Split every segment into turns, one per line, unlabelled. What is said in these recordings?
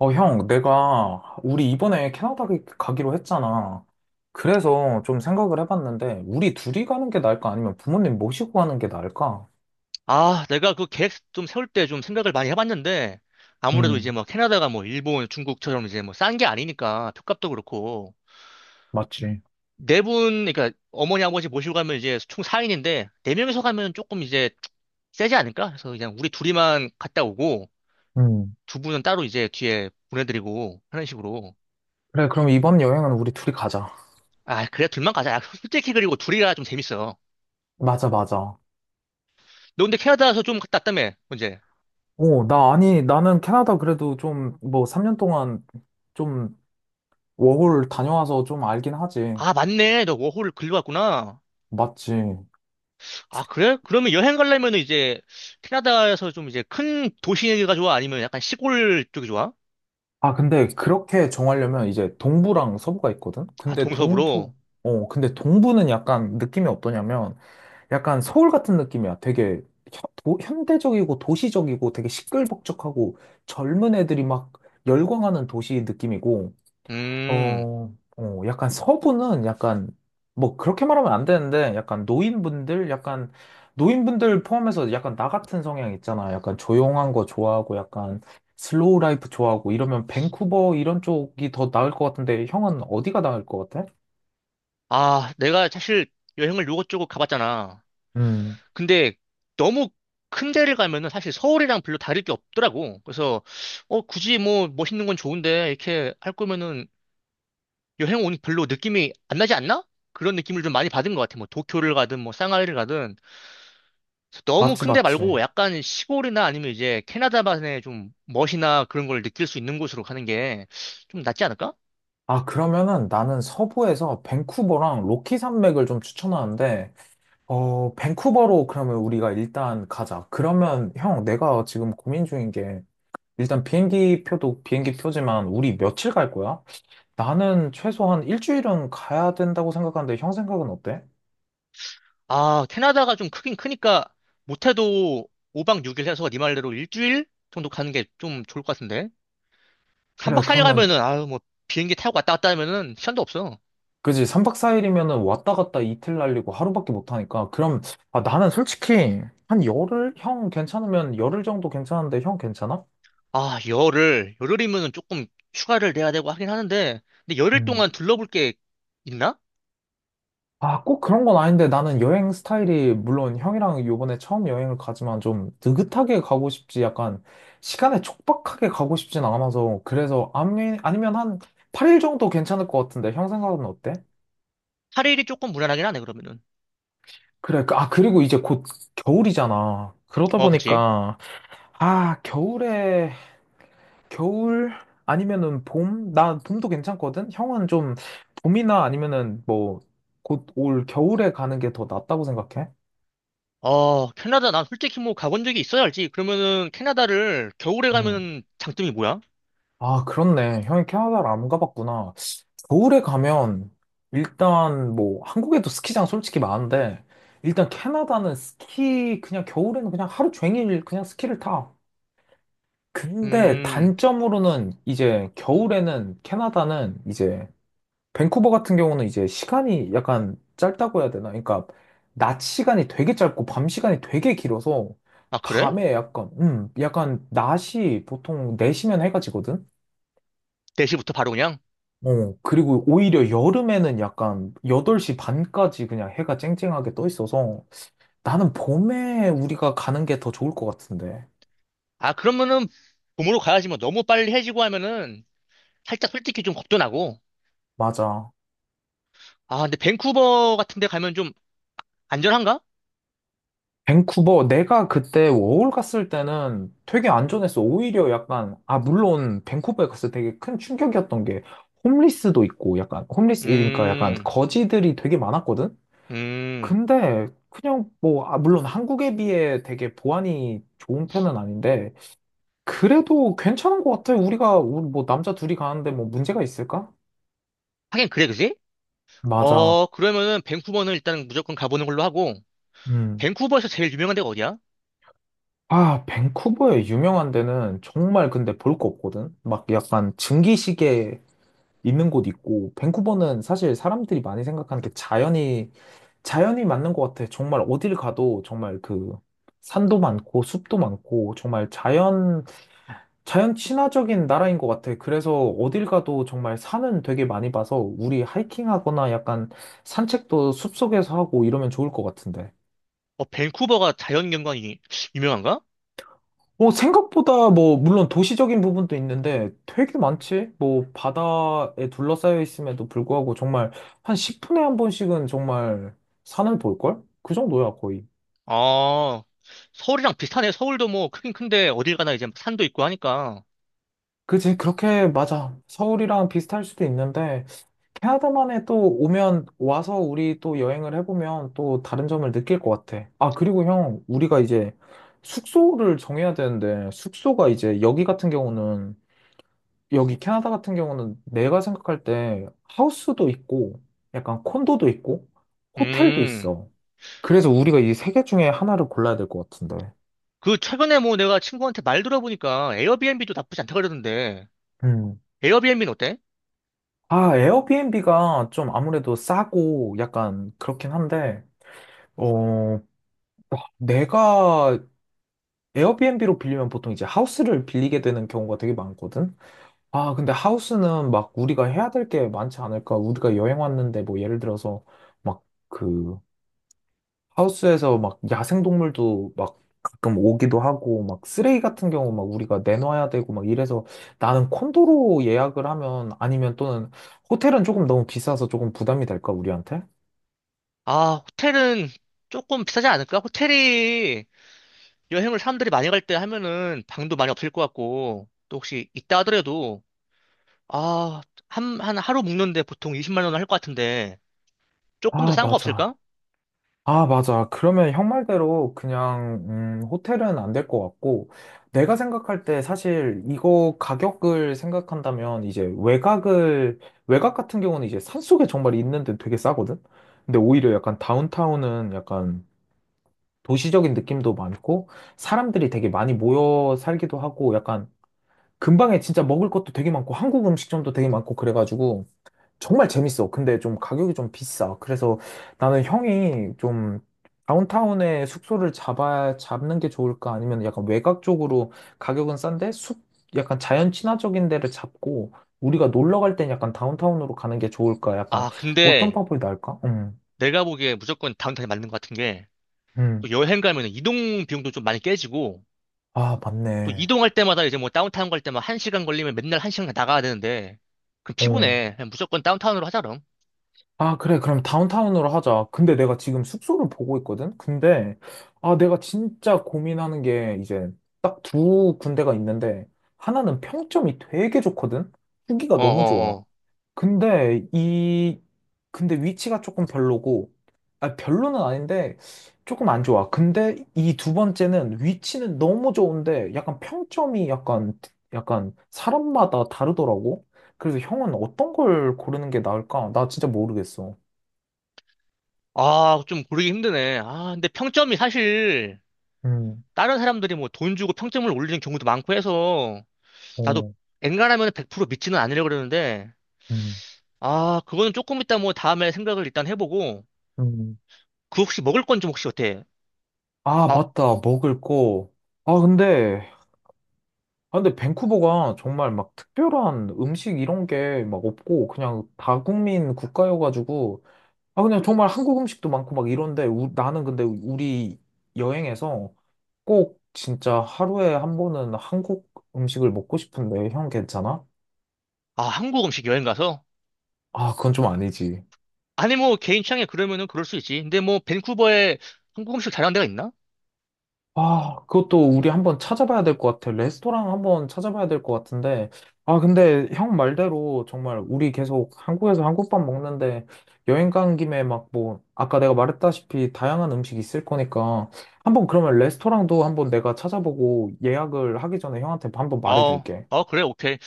형, 우리 이번에 캐나다 가기로 했잖아. 그래서 좀 생각을 해봤는데, 우리 둘이 가는 게 나을까? 아니면 부모님 모시고 가는 게 나을까?
아, 내가 그 계획 좀 세울 때 좀 생각을 많이 해봤는데, 아무래도 이제
음,
뭐 캐나다가 뭐 일본, 중국처럼 이제 뭐 싼 게 아니니까, 표값도 그렇고,
맞지.
네 분, 그러니까 어머니, 아버지 모시고 가면 이제 총 4인인데, 네명이서 가면 조금 이제 세지 않을까? 그래서 그냥 우리 둘이만 갔다 오고,
음.
두 분은 따로 이제 뒤에 보내드리고, 하는 식으로.
그래, 그럼 이번 여행은 우리 둘이 가자.
아, 그래, 둘만 가자. 야, 솔직히 그리고 둘이가 좀 재밌어.
맞아, 맞아.
너 근데 캐나다에서 좀 갔다 왔다며, 언제?
오, 아니, 나는 캐나다 그래도 좀, 뭐, 3년 동안 좀, 워홀 다녀와서 좀 알긴 하지.
아, 맞네. 너 워홀 글로 왔구나.
맞지.
아, 그래? 그러면 여행 가려면 이제 캐나다에서 좀 이제 큰 도시가 좋아? 아니면 약간 시골 쪽이 좋아?
아, 근데 그렇게 정하려면 이제 동부랑 서부가 있거든?
아, 동서부로?
근데 동부는 약간 느낌이 어떠냐면 약간 서울 같은 느낌이야. 되게 현대적이고 도시적이고 되게 시끌벅적하고 젊은 애들이 막 열광하는 도시 느낌이고.
음.
약간 서부는 약간, 뭐, 그렇게 말하면 안 되는데, 노인분들 포함해서 약간 나 같은 성향 있잖아. 약간 조용한 거 좋아하고, 약간 슬로우 라이프 좋아하고, 이러면 밴쿠버 이런 쪽이 더 나을 것 같은데, 형은 어디가 나을 것 같아?
아, 내가 사실 여행을 요것저것 가봤잖아.
음,
근데 너무 큰 데를 가면은 사실 서울이랑 별로 다를 게 없더라고. 그래서, 어, 굳이 뭐 멋있는 건 좋은데 이렇게 할 거면은 여행 온 별로 느낌이 안 나지 않나? 그런 느낌을 좀 많이 받은 것 같아. 뭐 도쿄를 가든 뭐 상하이를 가든. 그래서 너무
맞지,
큰데 말고
맞지.
약간 시골이나 아니면 이제 캐나다만의 좀 멋이나 그런 걸 느낄 수 있는 곳으로 가는 게 좀 낫지 않을까?
아, 그러면은 나는 서부에서 밴쿠버랑 로키 산맥을 좀 추천하는데, 밴쿠버로 그러면 우리가 일단 가자. 그러면 형, 내가 지금 고민 중인 게, 일단 비행기 표도 비행기 표지만 우리 며칠 갈 거야? 나는 최소한 일주일은 가야 된다고 생각하는데 형 생각은 어때?
아, 캐나다가 좀 크긴 크니까 못해도 5박 6일 해서 네 말대로 일주일 정도 가는 게 좀 좋을 것 같은데.
그래,
3박 4일
그러면
가면은 아유 뭐 비행기 타고 왔다 갔다 하면은 시간도 없어.
그지 3박 4일이면은 왔다 갔다 이틀 날리고 하루밖에 못 하니까 그럼. 아 나는 솔직히 한 10일, 형 괜찮으면 10일 정도 괜찮은데 형 괜찮아?
아, 열흘. 열흘이면은 조금 휴가를 내야 되고 하긴 하는데 근데 열흘
음.
동안 둘러볼 게 있나?
아, 꼭 그런 건 아닌데 나는 여행 스타일이 물론 형이랑 요번에 처음 여행을 가지만 좀 느긋하게 가고 싶지, 약간 시간에 촉박하게 가고 싶진 않아서. 그래서 아니, 아니면 한 8일 정도 괜찮을 것 같은데 형 생각은 어때?
8일이 조금 무난하긴 하네 그러면은.
그래, 아, 그리고 이제 곧 겨울이잖아. 그러다
어, 그치.
보니까 아, 겨울에 겨울 아니면은 봄? 나 봄도 괜찮거든? 형은 좀 봄이나 아니면은 뭐 곧 올 겨울에 가는 게 더 낫다고 생각해?
아, 캐나다, 난 솔직히 뭐 가본 적이 있어야 알지. 그러면은 캐나다를 겨울에 가면 장점이 뭐야?
아, 그렇네. 형이 캐나다를 안 가봤구나. 겨울에 가면 일단 뭐 한국에도 스키장 솔직히 많은데 일단 캐나다는 스키 그냥 겨울에는 그냥 하루 종일 그냥 스키를 타. 근데
음.
단점으로는 이제 겨울에는 캐나다는 이제 밴쿠버 같은 경우는 이제 시간이 약간 짧다고 해야 되나? 그러니까 낮 시간이 되게 짧고 밤 시간이 되게 길어서
아, 그래?
밤에 약간 약간 낮이 보통 4시면 해가 지거든.
대시부터 바로 그냥?
어, 그리고 오히려 여름에는 약간 8시 반까지 그냥 해가 쨍쨍하게 떠 있어서 나는 봄에 우리가 가는 게 더 좋을 것 같은데.
아, 그러면은 봄으로 가야지 뭐 너무 빨리 해지고 하면은 살짝 솔직히 좀 겁도 나고.
맞아.
아, 근데 밴쿠버 같은 데 가면 좀 안전한가?
밴쿠버, 내가 그때 워홀 갔을 때는 되게 안전했어. 오히려 약간, 아, 물론 밴쿠버에 갔을 때 되게 큰 충격이었던 게 홈리스도 있고 약간, 홈리스, 그러니까 약간
음.
거지들이 되게 많았거든?
음.
근데 그냥 뭐, 아, 물론 한국에 비해 되게 보안이 좋은 편은 아닌데 그래도 괜찮은 것 같아. 우리 뭐, 남자 둘이 가는데 뭐 문제가 있을까?
하긴 그래, 그지?
맞아.
어, 그러면은 밴쿠버는 일단 무조건 가보는 걸로 하고,
음.
밴쿠버에서 제일 유명한 데가 어디야?
아, 밴쿠버의 유명한 데는 정말 근데 볼 거 없거든? 막 약간 증기시계 있는 곳 있고, 밴쿠버는 사실 사람들이 많이 생각하는 게 자연이 맞는 것 같아. 정말 어딜 가도 정말 그 산도 많고, 숲도 많고, 정말 자연 친화적인 나라인 것 같아. 그래서 어딜 가도 정말 산은 되게 많이 봐서 우리 하이킹하거나 약간 산책도 숲속에서 하고 이러면 좋을 것 같은데.
어, 밴쿠버가 자연경관이 유명한가?
어, 생각보다 뭐, 물론 도시적인 부분도 있는데 되게 많지? 뭐, 바다에 둘러싸여 있음에도 불구하고 정말 한 10분에 한 번씩은 정말 산을 볼걸? 그 정도야, 거의.
아, 서울이랑 비슷하네. 서울도 뭐 크긴 큰데 어딜 가나 이제 산도 있고 하니까.
그지? 그렇게, 맞아. 서울이랑 비슷할 수도 있는데, 캐나다만에 또 오면, 와서 우리 또 여행을 해보면 또 다른 점을 느낄 것 같아. 아, 그리고 형, 우리가 이제 숙소를 정해야 되는데, 숙소가 이제 여기 같은 경우는, 여기 캐나다 같은 경우는 내가 생각할 때 하우스도 있고, 약간 콘도도 있고, 호텔도
음.
있어. 그래서 우리가 이 세 개 중에 하나를 골라야 될 것 같은데.
그 최근에 뭐 내가 친구한테 말 들어보니까 에어비앤비도 나쁘지 않다 그러던데.
음.
에어비앤비는 어때?
아, 에어비앤비가 좀 아무래도 싸고 약간 그렇긴 한데, 어, 내가 에어비앤비로 빌리면 보통 이제 하우스를 빌리게 되는 경우가 되게 많거든. 아, 근데 하우스는 막 우리가 해야 될 게 많지 않을까? 우리가 여행 왔는데 뭐 예를 들어서 막 그 하우스에서 막 야생동물도 막 가끔 오기도 하고 막 쓰레기 같은 경우 막 우리가 내놔야 되고 막 이래서 나는 콘도로 예약을 하면 아니면 또는 호텔은 조금 너무 비싸서 조금 부담이 될까 우리한테?
아, 호텔은 조금 비싸지 않을까? 호텔이 여행을 사람들이 많이 갈 때 하면은 방도 많이 없을 것 같고. 또 혹시 있다 하더라도 아, 한, 한 하루 묵는데 보통 20만 원 할 것 같은데 조금 더
아,
싼 거
맞아.
없을까?
아, 맞아. 그러면 형 말대로 그냥, 호텔은 안 될 것 같고, 내가 생각할 때 사실 이거 가격을 생각한다면 이제 외곽 같은 경우는 이제 산속에 정말 있는데 되게 싸거든? 근데 오히려 약간 다운타운은 약간 도시적인 느낌도 많고, 사람들이 되게 많이 모여 살기도 하고, 약간 근방에 진짜 먹을 것도 되게 많고, 한국 음식점도 되게 많고, 그래가지고, 정말 재밌어. 근데 좀 가격이 좀 비싸. 그래서 나는 형이 좀 다운타운에 숙소를 잡는 게 좋을까? 아니면 약간 외곽 쪽으로 가격은 약간 자연 친화적인 데를 잡고 우리가 놀러 갈 땐 약간 다운타운으로 가는 게 좋을까? 약간
아,
어떤
근데
방법이 나을까?
내가 보기에 무조건 다운타운이 맞는 것 같은 게 또
음.
여행 가면 이동 비용도 좀 많이 깨지고
아,
또
맞네.
이동할 때마다 이제 뭐 다운타운 갈 때만 한 시간 걸리면 맨날 한 시간 나가야 되는데 그럼
어.
피곤해. 그냥 무조건 다운타운으로 하자 그럼.
아, 그래. 그럼 다운타운으로 하자. 근데 내가 지금 숙소를 보고 있거든? 근데, 아, 내가 진짜 고민하는 게 이제 딱 두 군데가 있는데, 하나는 평점이 되게 좋거든? 후기가 너무 좋아.
어어어.
근데 이, 근데 위치가 조금 별로고, 아, 별로는 아닌데, 조금 안 좋아. 근데 이 두 번째는 위치는 너무 좋은데, 약간 사람마다 다르더라고. 그래서 형은 어떤 걸 고르는 게 나을까? 나 진짜 모르겠어.
아, 좀 고르기 힘드네. 아, 근데 평점이 사실
음,
다른 사람들이 뭐 돈 주고 평점을 올리는 경우도 많고 해서 나도
어,
엔간하면 100% 믿지는 않으려고 그러는데
음,
아, 그거는 조금 이따 뭐 다음에 생각을 일단 해보고
음.
그 혹시 먹을 건 좀 혹시 어때?
아,
아,
맞다. 먹을 거. 아, 근데, 아, 근데 밴쿠버가 정말 막 특별한 음식 이런 게 막 없고, 그냥 다국민 국가여가지고, 아, 그냥 정말 한국 음식도 많고 막 이런데, 나는 근데 우리 여행에서 꼭 진짜 하루에 한 번은 한국 음식을 먹고 싶은데, 형 괜찮아?
아, 한국 음식 여행 가서?
아, 그건 좀 아니지.
아니 뭐 개인 취향에 그러면은 그럴 수 있지. 근데 뭐 밴쿠버에 한국 음식 잘하는 데가 있나?
아, 그것도 우리 한번 찾아봐야 될 것 같아. 레스토랑 한번 찾아봐야 될 것 같은데. 아, 근데 형 말대로 정말 우리 계속 한국에서 한국밥 먹는데 여행 간 김에 막 뭐, 아까 내가 말했다시피 다양한 음식 있을 거니까 한번 그러면 레스토랑도 한번 내가 찾아보고 예약을 하기 전에 형한테 한번
어,
말해줄게.
어, 그래, 오케이.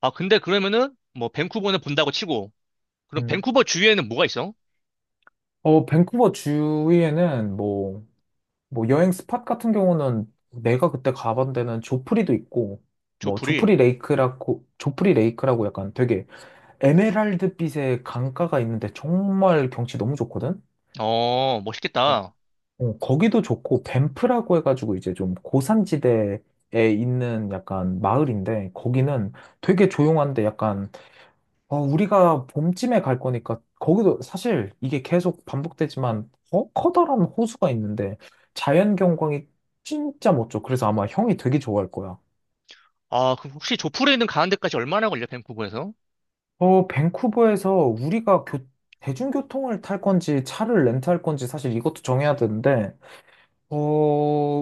아, 근데 그러면은, 뭐, 밴쿠버는 본다고 치고, 그럼
음.
밴쿠버 주위에는 뭐가 있어?
어, 뭐 여행 스팟 같은 경우는 내가 그때 가본 데는 조프리도 있고 뭐
조풀이.
조프리 레이크라고 약간 되게 에메랄드빛의 강가가 있는데 정말 경치 너무 좋거든?
어,
어,
멋있겠다.
거기도 좋고, 밴프라고 해가지고 이제 좀 고산지대에 있는 약간 마을인데, 거기는 되게 조용한데 약간, 어, 우리가 봄쯤에 갈 거니까, 거기도 사실 이게 계속 반복되지만, 어, 커다란 호수가 있는데, 자연 경관이 진짜 멋져. 그래서 아마 형이 되게 좋아할 거야.
아, 그럼 혹시 조풀에 있는 가는 데까지 얼마나 걸려, 밴쿠버에서?
어, 대중교통을 탈 건지 차를 렌트할 건지 사실 이것도 정해야 되는데, 어,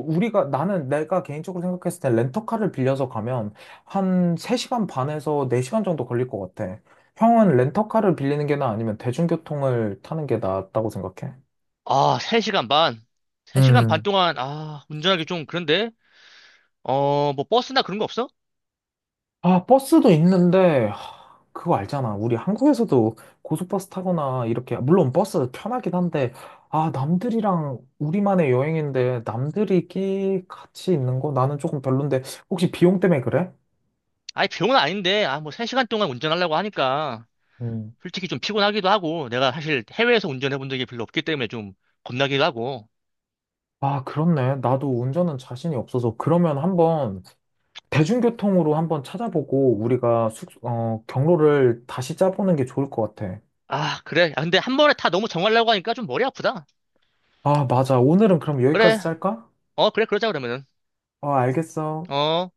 나는 내가 개인적으로 생각했을 때 렌터카를 빌려서 가면 한 3시간 반에서 4시간 정도 걸릴 것 같아. 형은 렌터카를 빌리는 게 나아 아니면 대중교통을 타는 게 낫다고 생각해?
아, 3시간 반. 3시간 반
음.
동안, 아, 운전하기 좀 그런데? 어, 뭐, 버스나 그런 거 없어?
아, 버스도 있는데, 하, 그거 알잖아. 우리 한국에서도 고속버스 타거나 이렇게, 물론 버스 편하긴 한데, 아, 남들이랑 우리만의 여행인데, 남들이 끼 같이 있는 거? 나는 조금 별론데, 혹시 비용 때문에 그래?
아니, 병은 아닌데, 아, 뭐, 3시간 동안 운전하려고 하니까,
음.
솔직히 좀 피곤하기도 하고, 내가 사실 해외에서 운전해 본 적이 별로 없기 때문에 좀 겁나기도 하고.
아, 그렇네. 나도 운전은 자신이 없어서, 그러면 한번 대중교통으로 한번 찾아보고, 경로를 다시 짜보는 게 좋을 것 같아.
아, 그래. 아, 근데 한 번에 다 너무 정하려고 하니까 좀 머리 아프다.
아, 맞아. 오늘은 그럼
그래.
여기까지 짤까?
어, 그래, 그러자, 그러면은.
아, 알겠어.
어.